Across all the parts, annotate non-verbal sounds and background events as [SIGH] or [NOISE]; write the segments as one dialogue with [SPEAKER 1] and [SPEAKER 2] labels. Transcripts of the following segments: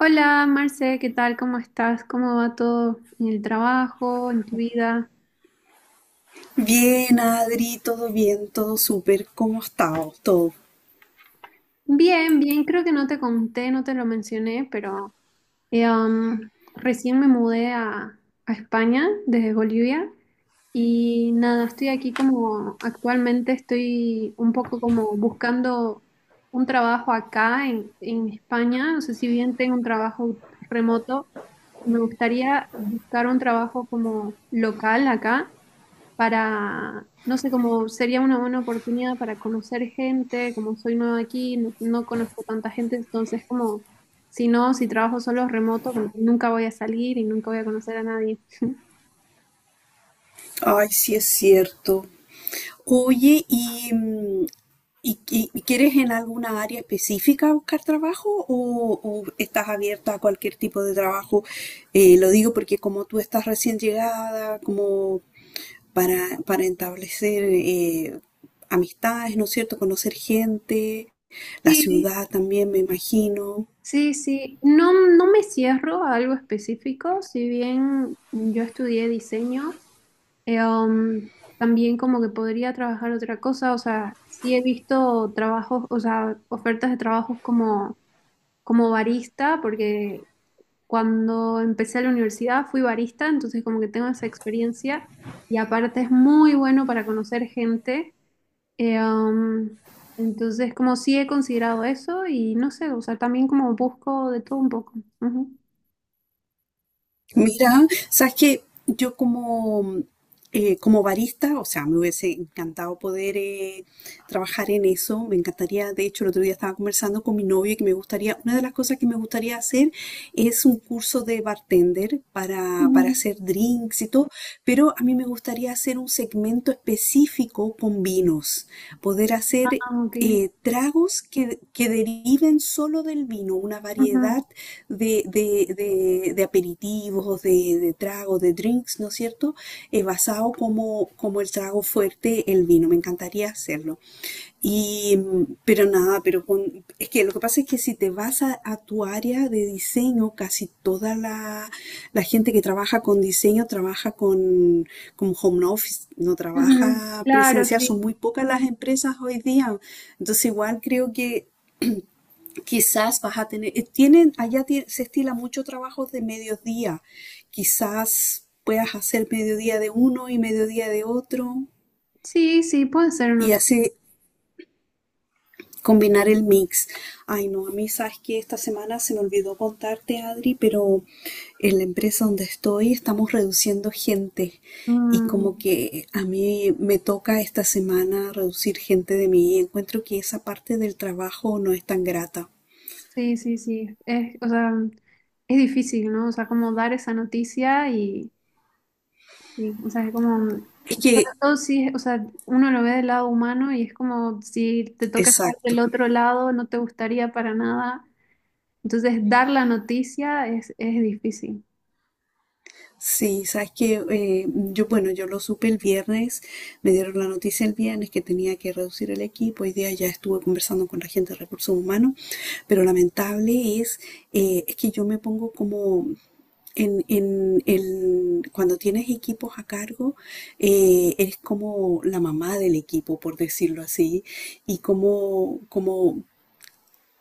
[SPEAKER 1] Hola, Marce, ¿qué tal? ¿Cómo estás? ¿Cómo va todo en el trabajo, en tu vida?
[SPEAKER 2] Bien, Adri, todo bien, todo súper. ¿Cómo has estado? Todo.
[SPEAKER 1] Bien, bien, creo que no te conté, no te lo mencioné, pero eh, um, recién me mudé a España desde Bolivia y nada, estoy aquí como actualmente estoy un poco como buscando un trabajo acá en España, no sé si bien tengo un trabajo remoto, me gustaría buscar un trabajo como local acá. Para, no sé, como sería una buena oportunidad para conocer gente, como soy nueva aquí, no conozco tanta gente, entonces como, si no, si trabajo solo remoto, como que nunca voy a salir y nunca voy a conocer a nadie.
[SPEAKER 2] Ay, sí es cierto. Oye, ¿y, quieres en alguna área específica buscar trabajo o estás abierta a cualquier tipo de trabajo? Lo digo porque como tú estás recién llegada, como para establecer amistades, ¿no es cierto? Conocer gente, la
[SPEAKER 1] Sí,
[SPEAKER 2] ciudad también, me imagino.
[SPEAKER 1] sí, sí, no, no me cierro a algo específico, si bien yo estudié diseño, eh, um, también como que podría trabajar otra cosa, o sea, sí he visto trabajos, o sea, ofertas de trabajos como barista, porque cuando empecé la universidad fui barista, entonces como que tengo esa experiencia y aparte es muy bueno para conocer gente. Eh, um, entonces como sí he considerado eso y no sé, o sea, también como busco de todo un poco. Ujú.
[SPEAKER 2] Mira, sabes que yo como, como barista, o sea, me hubiese encantado poder trabajar en eso. Me encantaría, de hecho, el otro día estaba conversando con mi novio que me gustaría, una de las cosas que me gustaría hacer es un curso de bartender para
[SPEAKER 1] Ujú.
[SPEAKER 2] hacer drinks y todo, pero a mí me gustaría hacer un segmento específico con vinos, poder
[SPEAKER 1] Ah,
[SPEAKER 2] hacer
[SPEAKER 1] ok.
[SPEAKER 2] tragos que deriven solo del vino, una
[SPEAKER 1] Ujú,
[SPEAKER 2] variedad de, de aperitivos, de tragos, de drinks, ¿no es cierto? Basado como, como el trago fuerte, el vino. Me encantaría hacerlo. Y, pero nada, pero con, es que lo que pasa es que si te vas a tu área de diseño, casi toda la, la gente que trabaja con diseño trabaja con home office, no
[SPEAKER 1] ujú.
[SPEAKER 2] trabaja
[SPEAKER 1] Claro,
[SPEAKER 2] presencial, son
[SPEAKER 1] sí.
[SPEAKER 2] muy pocas las empresas hoy día. Entonces igual creo que quizás vas a tener, tienen, allá se estila mucho trabajos de mediodía, quizás puedas hacer mediodía de uno y mediodía de otro.
[SPEAKER 1] Sí, sí, puede ser una
[SPEAKER 2] Y
[SPEAKER 1] opción.
[SPEAKER 2] así, combinar el mix. Ay, no, a mí sabes que esta semana se me olvidó contarte, Adri, pero en la empresa donde estoy estamos reduciendo gente y como
[SPEAKER 1] Mm,
[SPEAKER 2] que a mí me toca esta semana reducir gente de mí y encuentro que esa parte del trabajo no es tan grata.
[SPEAKER 1] sí, sí, sí. Es, o sea, es difícil, ¿no? O sea, como dar esa noticia y, o sea, es como.
[SPEAKER 2] Es que,
[SPEAKER 1] No, sí, o sea, uno lo ve del lado humano y es como si te toca estar
[SPEAKER 2] exacto.
[SPEAKER 1] del otro lado, no te gustaría para nada. Entonces, dar la noticia es difícil.
[SPEAKER 2] Sí, sabes que yo, bueno, yo lo supe el viernes, me dieron la noticia el viernes que tenía que reducir el equipo, hoy día ya estuve conversando con la gente de recursos humanos, pero lamentable es que yo me pongo como en el, cuando tienes equipos a cargo, eres como la mamá del equipo, por decirlo así, y como, como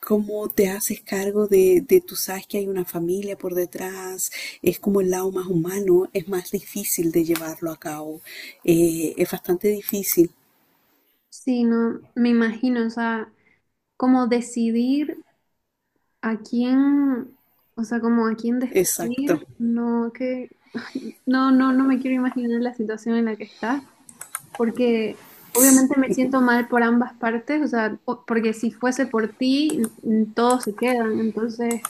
[SPEAKER 2] cómo te haces cargo de, tú sabes que hay una familia por detrás, es como el lado más humano, es más difícil de llevarlo a cabo, es bastante difícil,
[SPEAKER 1] Sí, no, me imagino, o sea, como decidir a quién, o sea, como a quién despedir,
[SPEAKER 2] exacto.
[SPEAKER 1] no, que, ay, no, no, no me quiero imaginar la situación en la que estás, porque obviamente
[SPEAKER 2] Sí,
[SPEAKER 1] me siento mal por ambas partes, o sea, o- porque si fuese por ti, n- n- todos se quedan, entonces...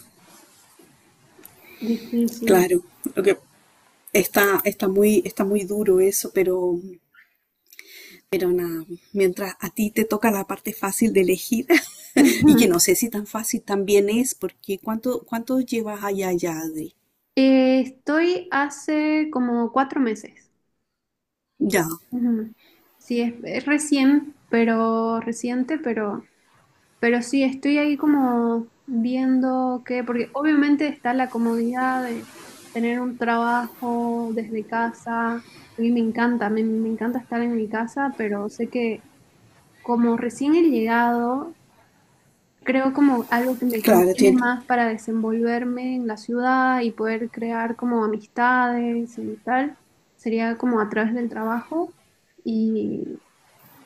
[SPEAKER 1] Difícil.
[SPEAKER 2] claro, lo que- está, está muy duro eso, pero nada, mientras a ti te toca la parte fácil de elegir, [LAUGHS]
[SPEAKER 1] Ujú.
[SPEAKER 2] y
[SPEAKER 1] [LAUGHS]
[SPEAKER 2] que no sé si tan fácil también es, porque ¿cuánto, cuánto llevas allá ya, Adri?
[SPEAKER 1] Estoy hace como cuatro meses.
[SPEAKER 2] Ya,
[SPEAKER 1] Ujú. Sí, es recién, pero reciente, pero sí, estoy ahí como viendo que, porque obviamente está la comodidad de tener un trabajo desde casa. A mí me encanta, me encanta estar en mi casa, pero sé que como recién he llegado, creo como algo que me
[SPEAKER 2] claro,
[SPEAKER 1] conviene
[SPEAKER 2] tiene.
[SPEAKER 1] más para desenvolverme en la ciudad y poder crear como amistades y tal, sería como a través del trabajo y,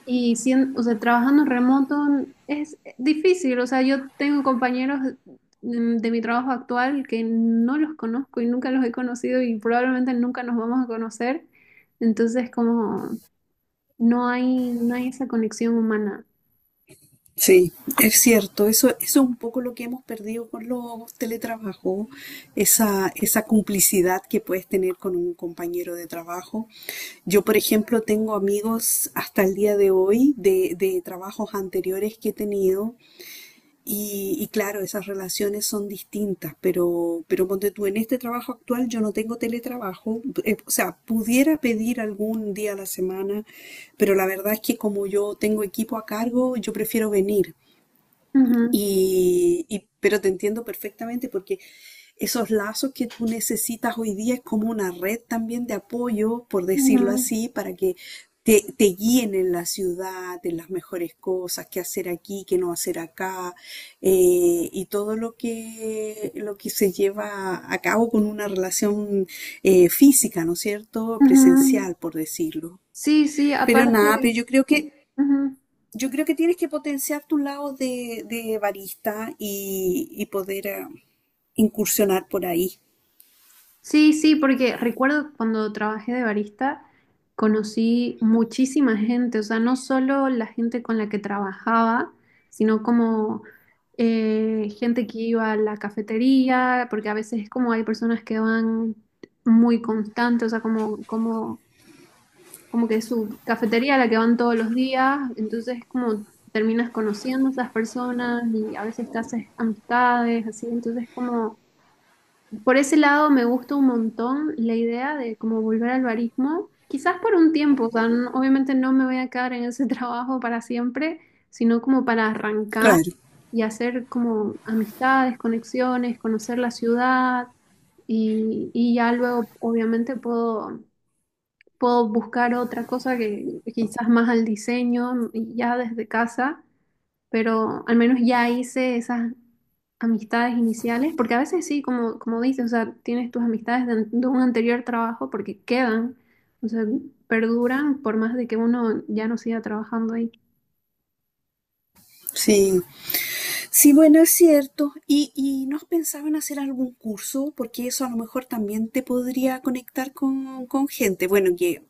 [SPEAKER 1] y sien- o sea, trabajando remoto es difícil, o sea, yo tengo compañeros de mi trabajo actual que no los conozco y nunca los he conocido y probablemente nunca nos vamos a conocer, entonces como no hay, no hay esa conexión humana.
[SPEAKER 2] Sí, es cierto, eso es un poco lo que hemos perdido con los teletrabajos, esa complicidad que puedes tener con un compañero de trabajo. Yo, por ejemplo, tengo amigos hasta el día de hoy de trabajos anteriores que he tenido y claro, esas relaciones son distintas, pero ponte tú, en este trabajo actual yo no tengo teletrabajo, o sea, pudiera pedir algún día a la semana, pero la verdad es que como yo tengo equipo a cargo, yo prefiero venir.
[SPEAKER 1] Ujú,
[SPEAKER 2] Y, pero te entiendo perfectamente porque esos lazos que tú necesitas hoy día es como una red también de apoyo, por decirlo
[SPEAKER 1] ujú,
[SPEAKER 2] así, para que te guíen en la ciudad, en las mejores cosas, qué hacer aquí, qué no hacer acá, y todo lo que se lleva a cabo con una relación física, ¿no es cierto?
[SPEAKER 1] ujú.
[SPEAKER 2] Presencial, por decirlo.
[SPEAKER 1] Sí, sí,
[SPEAKER 2] Pero
[SPEAKER 1] aparte,
[SPEAKER 2] nada, pero
[SPEAKER 1] ujú.
[SPEAKER 2] yo creo que tienes que potenciar tu lado de barista y poder incursionar por ahí.
[SPEAKER 1] Sí, sí, porque recuerdo cuando trabajé de barista, conocí muchísima gente, o sea, no solo la gente con la que trabajaba, sino como gente que iba a la cafetería, porque a veces es como hay personas que van muy constantes, o sea, como, como, como que es su cafetería a la que van todos los días, entonces es como terminas conociendo a esas personas y a veces te haces amistades, así, entonces es como... Por ese lado me gusta un montón la idea de como volver al barismo, quizás por un tiempo, o sea, n- obviamente no me voy a quedar en ese [LAUGHS] trabajo para siempre, sino como para arrancar
[SPEAKER 2] Claro,
[SPEAKER 1] y hacer como amistades, conexiones, conocer la ciudad y ya luego obviamente puedo, puedo buscar otra cosa que quizás más al diseño y ya desde casa, pero al menos ya hice esas amistades iniciales, porque a veces sí, como, como dices, o sea, tienes tus amistades de, an- de un anterior trabajo porque quedan, o sea, perduran por más de que uno ya no siga trabajando ahí.
[SPEAKER 2] sí. Sí, bueno, es cierto. Y no has pensado en hacer algún curso? Porque eso a lo mejor también te podría conectar con gente. Bueno, que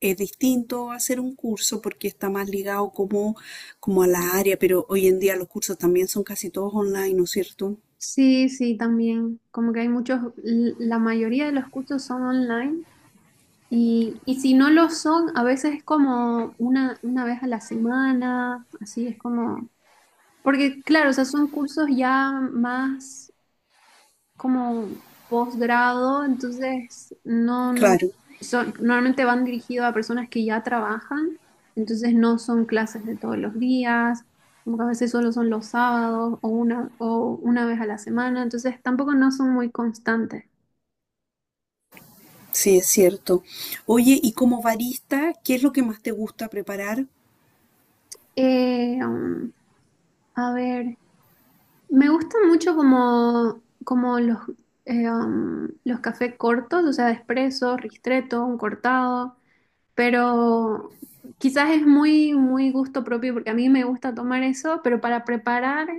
[SPEAKER 2] es distinto hacer un curso porque está más ligado como, como a la área, pero hoy en día los cursos también son casi todos online, ¿no es cierto?
[SPEAKER 1] Sí, sí, también, como que hay muchos, l- la mayoría de los cursos son online. Y si no lo son, a veces es como una vez a la semana, así es como, porque claro, o sea, son cursos ya más como posgrado, entonces no
[SPEAKER 2] Claro,
[SPEAKER 1] son, normalmente van dirigidos a personas que ya trabajan, entonces no son clases de todos los días, como que a veces solo son los sábados o una vez a la semana, entonces tampoco no son muy constantes.
[SPEAKER 2] sí, es cierto. Oye, y como barista, ¿qué es lo que más te gusta preparar?
[SPEAKER 1] Eh, um, a ver, me gustan mucho como, como los, los cafés cortos, o sea, expresos, ristretto, un cortado. Pero quizás es muy, muy gusto propio porque a mí me gusta tomar eso, pero para preparar,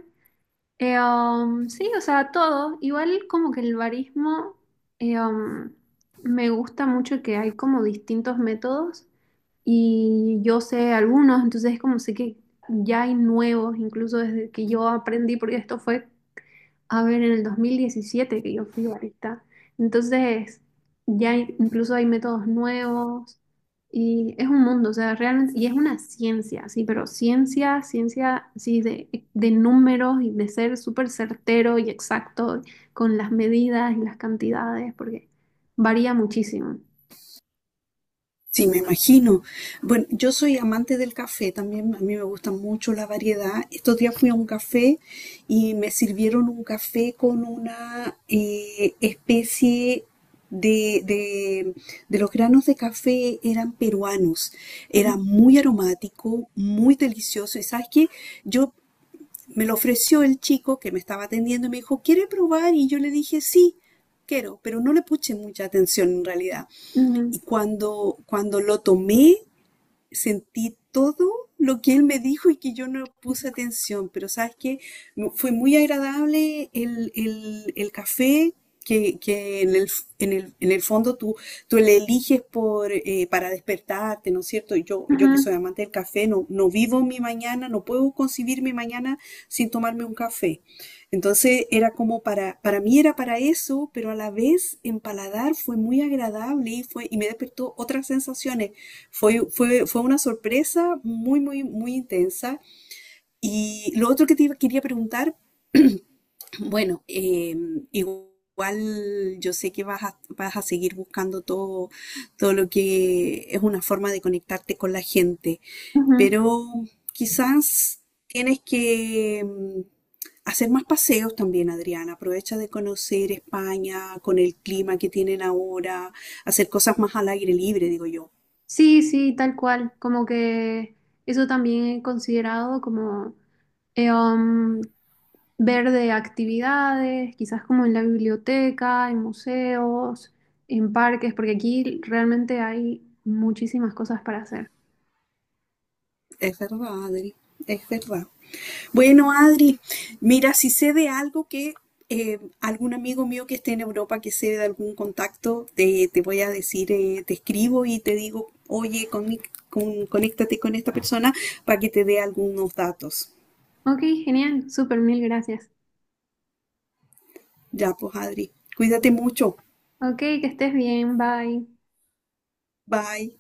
[SPEAKER 1] sí, o sea, todo, igual como que el barismo, eh, um, me gusta mucho que hay como distintos métodos y yo sé algunos, entonces es como sé que ya hay nuevos, incluso desde que yo aprendí, porque esto fue a ver, en el 2017 que yo fui barista. Entonces, ya hay- incluso hay métodos nuevos y es un mundo, o sea, realmente, y es una ciencia, sí, pero ciencia, ciencia, sí, de números y de ser súper certero y exacto con las medidas y las cantidades, porque varía muchísimo.
[SPEAKER 2] Sí, me imagino. Bueno, yo soy amante del café también, a mí me gusta mucho la variedad. Estos días fui a un café y me sirvieron un café con una especie de, de, de los granos de café, eran peruanos.
[SPEAKER 1] Ujú,
[SPEAKER 2] Era muy aromático, muy delicioso. ¿Y sabes qué? Yo me lo ofreció el chico que me estaba atendiendo y me dijo, ¿quiere probar? Y yo le dije, sí, quiero, pero no le puse mucha atención en realidad. Y cuando, cuando lo tomé, sentí todo lo que él me dijo y que yo no puse atención, pero sabes que fue muy agradable el, el café que en el, en el, en el fondo tú, tú le eliges por, para despertarte, ¿no es cierto? Yo que soy
[SPEAKER 1] ujú,
[SPEAKER 2] amante del café, no, no vivo mi mañana, no puedo concebir mi mañana sin tomarme un café. Entonces era como para mí era para eso, pero a la vez en paladar fue muy agradable y fue, y me despertó otras sensaciones, fue, fue, fue una sorpresa muy, muy, muy intensa. Y lo otro que quería preguntar, [CLEARS THROAT] bueno, igual yo sé que vas a, vas a seguir buscando todo, todo lo que es una forma de conectarte con la gente,
[SPEAKER 1] ujú.
[SPEAKER 2] pero quizás tienes que hacer más paseos también, Adriana. Aprovecha de conocer España con el clima que tienen ahora, hacer cosas más al aire libre, digo yo.
[SPEAKER 1] Sí, sí, tal cual, como que eso también he considerado como... Eh, um, Ver de actividades, quizás como en la biblioteca, en museos, en parques, porque aquí realmente hay muchísimas cosas para hacer.
[SPEAKER 2] Es verdad, Adri, es verdad. Bueno, Adri, mira, si sé de algo que algún amigo mío que esté en Europa, que sé de algún contacto, te voy a decir, te escribo y te digo, oye, con, conéctate con esta persona para que te dé algunos datos.
[SPEAKER 1] Ok, genial, súper, mil gracias.
[SPEAKER 2] Ya, pues, Adri, cuídate mucho.
[SPEAKER 1] Ok, que estés bien, bye.
[SPEAKER 2] Bye.